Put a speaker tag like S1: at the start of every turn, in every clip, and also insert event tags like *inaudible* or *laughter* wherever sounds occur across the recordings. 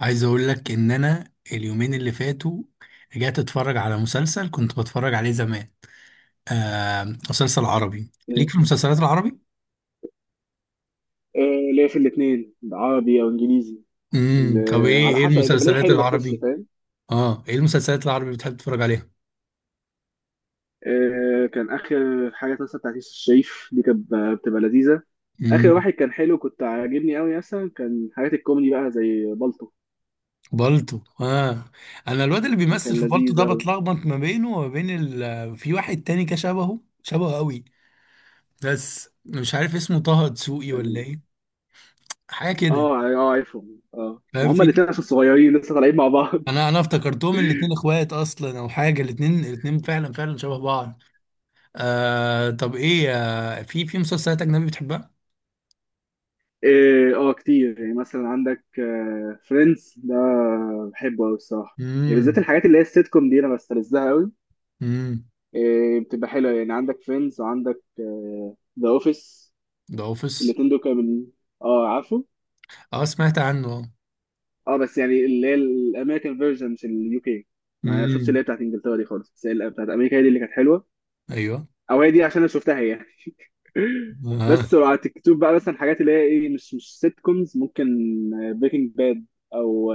S1: عايز اقول لك ان انا اليومين اللي فاتوا رجعت اتفرج على مسلسل كنت بتفرج عليه زمان. آه، مسلسل عربي. ليك
S2: مم.
S1: في المسلسلات العربي.
S2: آه، ليا في الاثنين عربي او انجليزي. اللي
S1: طب ايه
S2: على
S1: ايه
S2: حسب اللي بلاقيه
S1: المسلسلات
S2: حلو بخش.
S1: العربي؟
S2: فاهم؟
S1: اه ايه المسلسلات العربي اللي بتحب تتفرج عليها؟
S2: آه، كان اخر حاجه مثلا بتاعت يوسف الشريف دي كانت بتبقى لذيذه. اخر
S1: امم
S2: واحد كان حلو، كنت عاجبني قوي، مثلا كان حاجات الكوميدي بقى زي بالطو
S1: بالطو، اه. انا الواد اللي بيمثل
S2: وكان
S1: في بالطو
S2: لذيذ
S1: ده
S2: قوي.
S1: بتلخبط ما بينه وما بين ال... في واحد تاني كده شبهه شبهه قوي، بس مش عارف اسمه طه دسوقي ولا
S2: كان
S1: ايه حاجه كده.
S2: اه ع- اه عارفهم. اه ما
S1: فاهم؟
S2: هما
S1: في
S2: الاثنين عشان صغيرين لسه طالعين مع بعض.
S1: انا
S2: *laughs*
S1: انا افتكرتهم الاتنين اخوات اصلا او حاجه، الاتنين الاتنين فعلا فعلا شبه بعض. آه، طب ايه، في مسلسلات اجنبي بتحبها؟
S2: اه، آه، كتير يعني، مثلا عندك فريندز ده، بحبه قوي الصراحه. يعني بالذات
S1: امم
S2: الحاجات اللي هي السيت كوم دي، انا بستلذها قوي.
S1: امم
S2: إيه، بتبقى حلوه. يعني عندك فريندز وعندك ذا اوفيس.
S1: ذا اوفيس.
S2: الاثنين دول كانوا من. اه، عارفه.
S1: اه، سمعت عنه.
S2: اه بس يعني اللي هي الامريكان فيرجن، مش اليو كي. ما شفتش اللي
S1: امم
S2: هي بتاعت انجلترا دي خالص، بس هي اللي بتاعت امريكا هي دي اللي كانت حلوه.
S1: ايوه.
S2: او هي دي عشان انا شفتها هي يعني. *laughs*
S1: آه.
S2: بس لو على تيك توك بقى، مثلا حاجات اللي هي ايه، مش سيت كومز. ممكن بريكنج باد او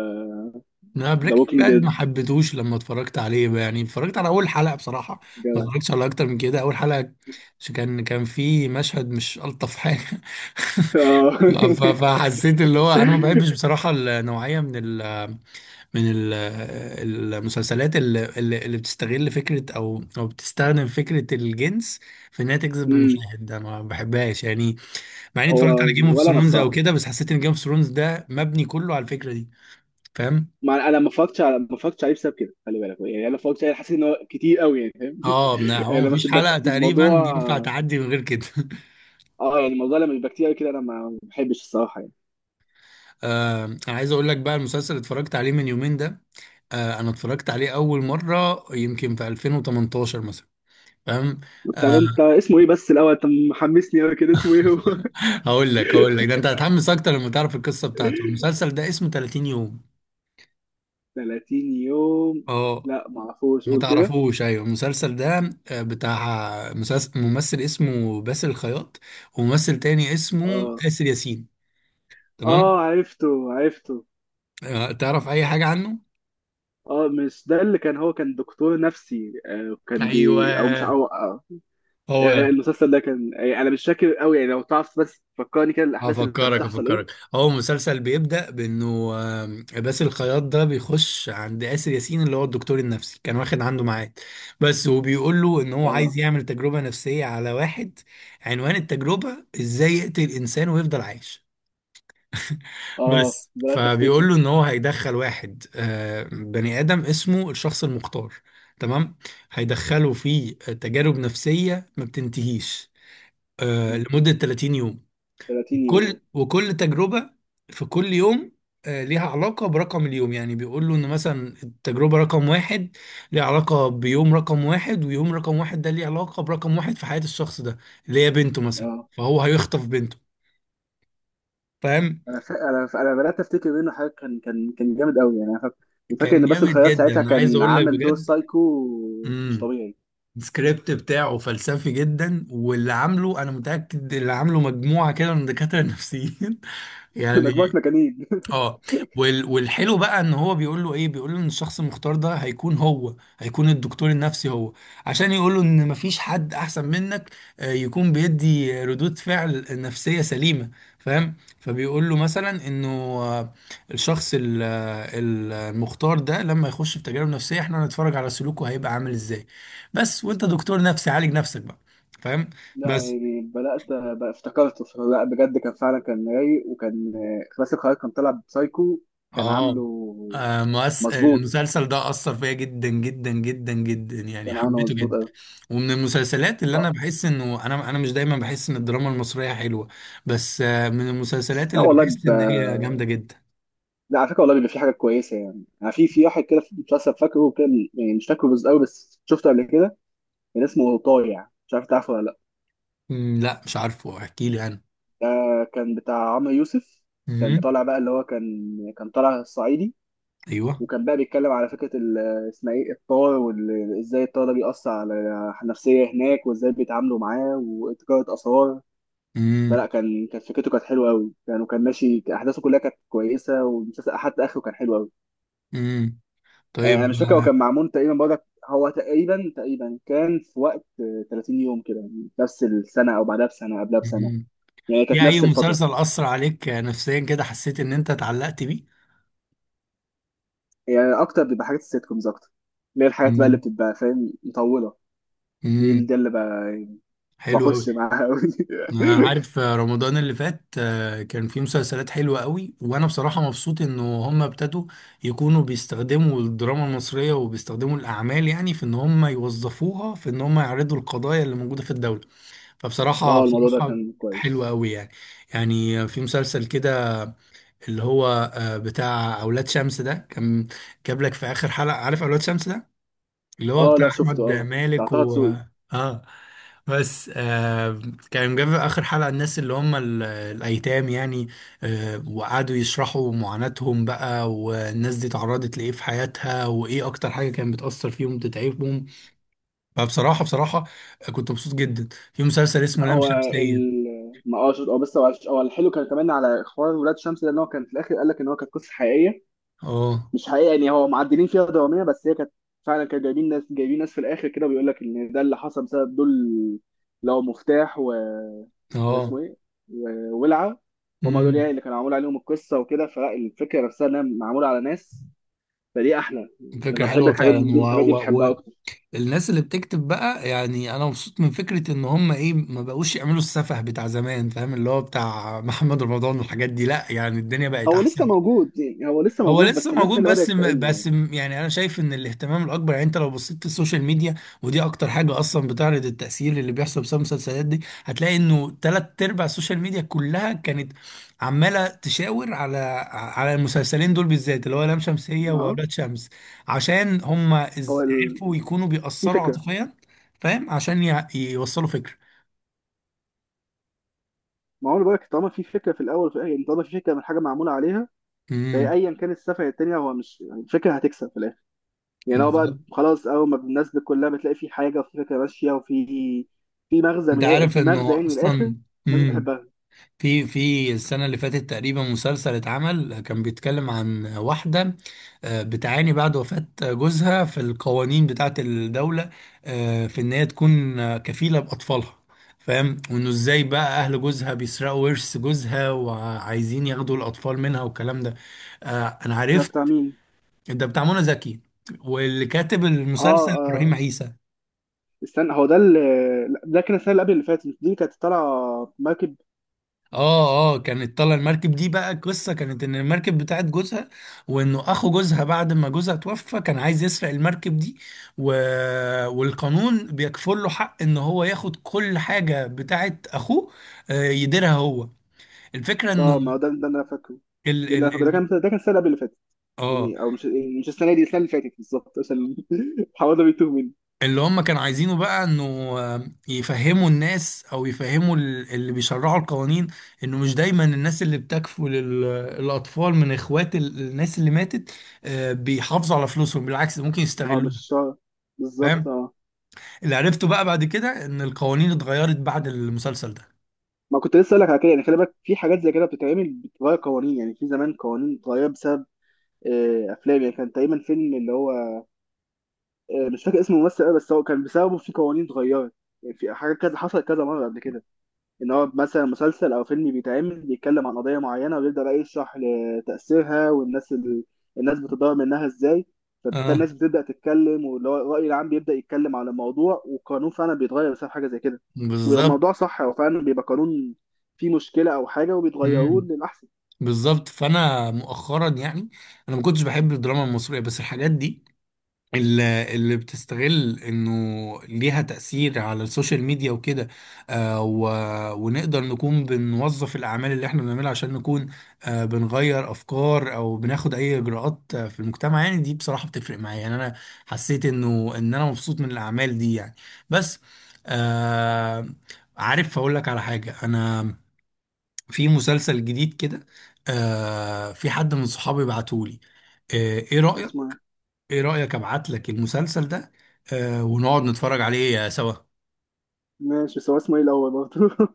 S1: لا،
S2: ذا
S1: بريكنج
S2: ووكينج
S1: باد
S2: ديد.
S1: ما حبيتهوش لما اتفرجت عليه بقى. يعني اتفرجت على اول حلقه بصراحه، ما اتفرجتش على اكتر من كده، اول حلقه. كان في مشهد مش الطف حاجه *laughs*
S2: *laughs* اه. *laughs*
S1: فحسيت اللي هو انا ما بحبش بصراحه النوعيه من ال- المسلسلات اللي بتستغل فكرة أو بتستخدم فكرة الجنس في إنها تجذب
S2: أمم،
S1: المشاهد، ده ما بحبهاش يعني. مع إني
S2: هو
S1: اتفرجت على جيم اوف
S2: ولا انا
S1: ثرونز أو
S2: الصراحه.
S1: كده، بس حسيت إن جيم اوف ثرونز ده مبني كله على الفكرة دي. فاهم؟
S2: ما انا ما اتفرجتش عليه بسبب كده. خلي بالك يعني انا ما اتفرجتش عليه، حاسس ان هو كتير قوي يعني، فاهم.
S1: اه، ما
S2: *laughs* يعني
S1: هو
S2: لما
S1: مفيش
S2: بتبقى
S1: حلقة
S2: كتير
S1: تقريبا
S2: الموضوع.
S1: ينفع تعدي من غير كده *laughs*
S2: اه، يعني الموضوع لما بيبقى كتير قوي كده، انا ما بحبش الصراحه يعني.
S1: أنا عايز أقول لك بقى، المسلسل اللي اتفرجت عليه من يومين ده، أنا اتفرجت عليه أول مرة يمكن في 2018 مثلا. فاهم؟
S2: طب انت
S1: آه،
S2: اسمه ايه بس الاول؟ انت محمسني قوي كده، اسمه ايه هو؟
S1: هقول لك، ده انت هتحمس اكتر لما تعرف القصه بتاعته.
S2: *laughs*
S1: المسلسل ده اسمه 30 يوم.
S2: 30 يوم؟
S1: اه.
S2: لا ما اعرفوش،
S1: ما
S2: قول كده.
S1: تعرفوش؟ ايوه، المسلسل ده بتاع مسلسل، ممثل اسمه باسل الخياط وممثل تاني اسمه
S2: اه،
S1: آسر ياسين. تمام.
S2: اه، عرفته عرفته.
S1: تعرف اي حاجه عنه؟
S2: اه، مش ده اللي كان، هو كان دكتور نفسي؟ آه، كان
S1: ايوه،
S2: بي او مش او آه
S1: هو
S2: آه،
S1: ده.
S2: المسلسل ده كان. انا مش فاكر قوي يعني، لو تعرف بس فكرني كده الاحداث اللي كانت
S1: افكرك
S2: بتحصل ايه.
S1: افكرك هو مسلسل بيبدأ بانه باسل الخياط ده بيخش عند آسر ياسين، اللي هو الدكتور النفسي، كان واخد عنده ميعاد، بس، وبيقول له ان هو
S2: اه،
S1: عايز يعمل تجربة نفسية على واحد. عنوان التجربة، ازاي يقتل انسان ويفضل عايش.
S2: اه،
S1: بس.
S2: بدأت افتكر.
S1: فبيقول له ان هو هيدخل واحد، بني آدم، اسمه الشخص المختار. تمام. هيدخله في تجارب نفسية ما بتنتهيش،
S2: م.
S1: لمدة 30 يوم.
S2: 30 يوم.
S1: كل وكل تجربة في كل يوم ليها علاقة برقم اليوم. يعني بيقولوا إن مثلا التجربة رقم واحد ليها علاقة بيوم رقم واحد، ويوم رقم واحد ده ليه علاقة برقم واحد في حياة الشخص ده، اللي هي بنته مثلا،
S2: اه،
S1: فهو هيخطف بنته. فاهم؟
S2: انا بدأت افتكر منه حاجه. كان جامد قوي يعني، انا فاكر. وفاكر
S1: كان
S2: ان باسل
S1: جامد
S2: الخياط
S1: جدا،
S2: ساعتها
S1: أنا عايز
S2: كان
S1: أقول لك
S2: عامل دور
S1: بجد.
S2: سايكو، مش
S1: امم
S2: طبيعي.
S1: السكريبت بتاعه فلسفي جدا، واللي عامله، أنا متأكد اللي عامله مجموعة كده من دكاترة نفسيين *laughs*
S2: *laughs*
S1: يعني.
S2: مجموعه مجانين. *laughs*
S1: اه، والحلو بقى ان هو بيقول له ايه، بيقول له ان الشخص المختار ده هيكون، هو هيكون الدكتور النفسي هو، عشان يقول له ان مفيش حد احسن منك، يكون بيدي ردود فعل نفسية سليمة. فاهم؟ فبيقول له مثلا انه الشخص المختار ده لما يخش في تجارب نفسية، احنا هنتفرج على سلوكه هيبقى عامل ازاي، بس. وانت دكتور نفسي عالج نفسك بقى. فاهم؟
S2: لا
S1: بس.
S2: يعني بدأت بقى افتكرته. لا بجد، كان فعلا كان رايق. وكان آه، باسل الخياط كان طالع بسايكو. كان
S1: اه
S2: عامله مظبوط
S1: المسلسل ده أثر فيا جدا جدا جدا جدا، يعني
S2: كان عامله
S1: حبيته
S2: مظبوط
S1: جدا.
S2: قوي.
S1: ومن المسلسلات اللي
S2: اه،
S1: أنا بحس إنه، أنا مش دايما بحس إن الدراما المصرية حلوة، بس من المسلسلات
S2: لا
S1: اللي
S2: والله،
S1: بحس إن هي جامدة جدا.
S2: لا على فكره والله بيبقى في حاجات كويسه يعني في واحد كده في المسلسل فاكره كده. يعني مش فاكره بس قوي، بس شفته قبل كده. كان اسمه طايع، مش عارف تعرفه ولا لا.
S1: مم، لا مش عارفه، احكي لي أنا.
S2: ده كان بتاع عمرو يوسف. كان
S1: مم،
S2: طالع بقى اللي هو كان طالع صعيدي.
S1: أيوه.
S2: وكان بقى بيتكلم على فكره اسمها ايه، الطار. وازاي الطار ده بيأثر على النفسيه هناك، وازاي بيتعاملوا معاه، وتجاره اسرار.
S1: مم،
S2: فلا كانت فكرته كانت حلوه قوي يعني، وكان ماشي احداثه كلها كانت كويسه، والمسلسل حتى اخره كان حلو قوي.
S1: مم.
S2: آه، انا
S1: طيب.
S2: مش فاكر، هو
S1: آه،
S2: كان معمول تقريبا برضك، هو تقريبا تقريبا كان في وقت آه، 30 يوم كده، يعني نفس السنه او بعدها بسنه قبلها بسنه.
S1: مم.
S2: يعني كانت
S1: في أي
S2: نفس الفتره.
S1: مسلسل أثر عليك نفسيا كده، حسيت إن أنت اتعلقت بيه؟
S2: يعني اكتر بيبقى حاجات السيت كومز اكتر، اللي هي الحاجات بقى اللي
S1: مم،
S2: بتبقى فاهم مطوله. دي
S1: مم.
S2: ده اللي بقى
S1: حلو أوي.
S2: بخش معاها أوي. *laughs*
S1: عارف، رمضان اللي فات كان فيه مسلسلات حلوة قوي، وانا بصراحة مبسوط انه هم ابتدوا يكونوا بيستخدموا الدراما المصرية وبيستخدموا الاعمال، يعني في ان هم يوظفوها في ان هم يعرضوا القضايا اللي موجودة في الدولة. فبصراحة
S2: اه، الموضوع ده
S1: بصراحة
S2: كان
S1: حلوة
S2: كويس.
S1: قوي يعني. يعني في مسلسل كده، اللي هو بتاع اولاد شمس ده، كان جاب لك في اخر حلقة. عارف اولاد شمس ده، اللي هو
S2: اه،
S1: بتاع
S2: لا شفته.
S1: احمد
S2: اه، بتاع
S1: مالك
S2: طه
S1: و...
S2: دسوقي.
S1: اه، بس آه، كان جاب اخر حلقه الناس اللي هم ال- الايتام يعني، وقعدوا يشرحوا معاناتهم بقى، والناس دي تعرضت لايه في حياتها، وايه اكتر حاجه كانت بتاثر فيهم بتتعبهم. فبصراحه كنت مبسوط جدا. في مسلسل اسمه لام
S2: هو
S1: شمسيه.
S2: ال ما اه شفت- هو بس هو الحلو كان كمان على حوار ولاد شمس ده، ان هو كان في الاخر قال لك ان هو كانت قصه حقيقيه.
S1: اه،
S2: مش حقيقة يعني، هو معدلين فيها دراميا بس هي كانت فعلا. كانوا جايبين ناس في الآخر كده، بيقول لك إن ده اللي حصل بسبب دول. لو مفتاح و،
S1: اه.
S2: واسمه إيه، وولعة. هما دول يعني
S1: امم
S2: اللي كانوا معمول عليهم القصة وكده. فلا الفكرة نفسها إنها معمولة على ناس، فدي أحلى.
S1: فكره
S2: أنا بحب
S1: حلوه
S2: الحاجات
S1: فعلا.
S2: دي، الحاجات دي بحبها أكتر.
S1: الناس اللي بتكتب بقى، يعني انا مبسوط من فكره ان هم ايه، ما بقوش يعملوا السفه بتاع زمان. فاهم؟ اللي هو بتاع محمد رمضان والحاجات دي. لا يعني، الدنيا بقت
S2: هو لسه
S1: احسن.
S2: موجود يعني، هو لسه
S1: هو
S2: موجود
S1: لسه
S2: بس الناس
S1: موجود،
S2: هي اللي بدأت تقل يعني.
S1: يعني انا شايف ان الاهتمام الاكبر، يعني انت لو بصيت في السوشيال ميديا، ودي اكتر حاجه اصلا بتعرض التاثير اللي بيحصل بسبب المسلسلات دي، هتلاقي انه تلات ارباع السوشيال ميديا كلها كانت عماله تشاور على المسلسلين دول بالذات، اللي هو لام شمسيه
S2: أه.
S1: واولاد شمس. عشان هم
S2: هو ال...
S1: عرفوا يكونوا
S2: في
S1: بيأثروا
S2: فكرة.
S1: عاطفيا. فاهم، عشان يوصلوا فكره.
S2: ما هو أنا بقول لك، طالما في فكرة في الأول وفي الآخر، يعني طالما في فكرة من حاجة معمولة عليها، فهي
S1: امم
S2: أيا كان السفر التانية، هو مش يعني، الفكرة هتكسب في الآخر. يعني هو بقى
S1: بالظبط.
S2: خلاص، اول ما الناس كلها بتلاقي في حاجه وفي فكره ماشيه وفي
S1: انت عارف
S2: في مغزى
S1: انه
S2: يعني من الاخر.
S1: اصلا،
S2: الناس
S1: امم
S2: بتحبها.
S1: في السنة اللي فاتت تقريبا مسلسل اتعمل كان بيتكلم عن واحدة بتعاني بعد وفاة جوزها في القوانين بتاعة الدولة، في إن هي تكون كفيلة بأطفالها. فاهم؟ وإنه إزاي بقى أهل جوزها بيسرقوا ورث جوزها وعايزين ياخدوا الأطفال منها والكلام ده. أنا
S2: ده
S1: عرفت.
S2: بتاع مين؟
S1: ده بتاع منى زكي، واللي كاتب
S2: اه،
S1: المسلسل إبراهيم
S2: اه،
S1: عيسى.
S2: استنى، هو ده اللي لا، ده كان السنه اللي قبل اللي فاتت، مش دي كانت طالعه مركب.
S1: اه، اه، كانت طالعه المركب دي بقى. قصه كانت ان المركب بتاعت جوزها، وانه اخو جوزها بعد ما جوزها توفى كان عايز يسرق المركب دي، و... والقانون بيكفل له حق ان هو ياخد كل حاجه بتاعت اخوه، يديرها هو. الفكره انه
S2: اه، ما هو ده اللي انا فاكره.
S1: ال...
S2: ده اللي انا
S1: ال...
S2: فاكره
S1: ال...
S2: ده كان السنه اللي قبل اللي فاتت.
S1: اه،
S2: يعني او مش السنه دي، السنه اللي فاتت بالظبط، عشان *laughs* حوالي بيتوه مني.
S1: اللي هم كانوا عايزينه بقى انه يفهموا الناس، او يفهموا ال- اللي بيشرعوا القوانين انه مش دايما الناس اللي بتكفل ال- الاطفال من اخوات ال- الناس اللي ماتت بيحافظوا على فلوسهم، بالعكس، ده ممكن
S2: اه، مش
S1: يستغلوهم.
S2: الشهر بالظبط،
S1: فاهم.
S2: اه.
S1: اللي عرفته بقى بعد كده، ان القوانين اتغيرت بعد المسلسل ده.
S2: ما كنت لسه اقول لك على كده يعني، خلي بالك، في حاجات زي كده بتتعمل بتغير قوانين. يعني في زمان قوانين اتغير بسبب آه، افلام يعني. كان تقريبا فيلم اللي هو آه، مش فاكر اسم الممثل أوي، بس هو كان بسببه في قوانين اتغيرت. يعني في حاجات كذا حصلت كذا مره قبل كده، ان هو مثلا مسلسل او فيلم بيتعمل بيتكلم عن قضيه معينه ويبدا بقى يشرح لتاثيرها والناس الناس بتتضرر منها ازاي. فبالتالي
S1: اه،
S2: الناس بتبدا تتكلم، واللي هو الراي العام بيبدا يتكلم على الموضوع، والقانون فعلا بيتغير بسبب حاجه زي كده.
S1: بالظبط.
S2: والموضوع صح، هو فعلا بيبقى قانون فيه مشكله او حاجه وبيتغيروه
S1: امم
S2: للاحسن.
S1: بالظبط. فانا مؤخرا يعني، انا ما كنتش بحب الدراما المصريه، بس الحاجات دي اللي بتستغل انه ليها تأثير على السوشيال ميديا وكده، آه و... ونقدر نكون بنوظف الأعمال اللي احنا بنعملها عشان نكون بنغير أفكار أو بناخد أي إجراءات في المجتمع، يعني دي بصراحة بتفرق معايا. يعني أنا حسيت إنه إن أنا مبسوط من الأعمال دي يعني. بس آه عارف أقول لك على حاجة؟ أنا في مسلسل جديد كده في حد من صحابي بعتهولي. ايه رأيك،
S2: اسمه إيه؟
S1: ايه رأيك، ابعت لك المسلسل ده ونقعد نتفرج عليه سوا؟
S2: ماشي، بس هو اسمه ايه الاول برضه؟ *laughs*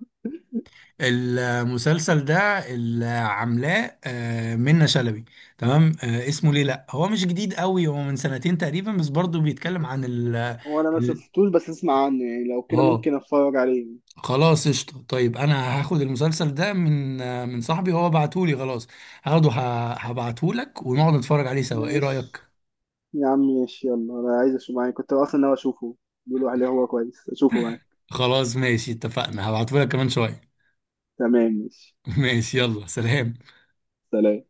S1: المسلسل ده اللي عاملاه منة شلبي. تمام. اسمه ليه. لا هو مش جديد قوي، هو من سنتين تقريبا، بس برضه بيتكلم عن ال
S2: هو انا ما
S1: ال-
S2: شفتوش بس اسمع عنه، يعني لو كده
S1: اه
S2: ممكن اتفرج عليه.
S1: خلاص، قشطة. طيب انا هاخد المسلسل ده من من صاحبي، هو بعتهولي خلاص، هاخده. هبعتهولك ونقعد نتفرج عليه سوا، ايه رأيك؟
S2: ماشي يا عم، ماشي، يلا، انا عايز اشوفه معاك، كنت اصلا ناوي اشوفه. بيقولوا عليه هو كويس، اشوفه معاك.
S1: خلاص، ماشي، اتفقنا، هبعتهولك كمان شوية.
S2: تمام، ماشي.
S1: *laughs* ماشي، يلا سلام.
S2: سلام.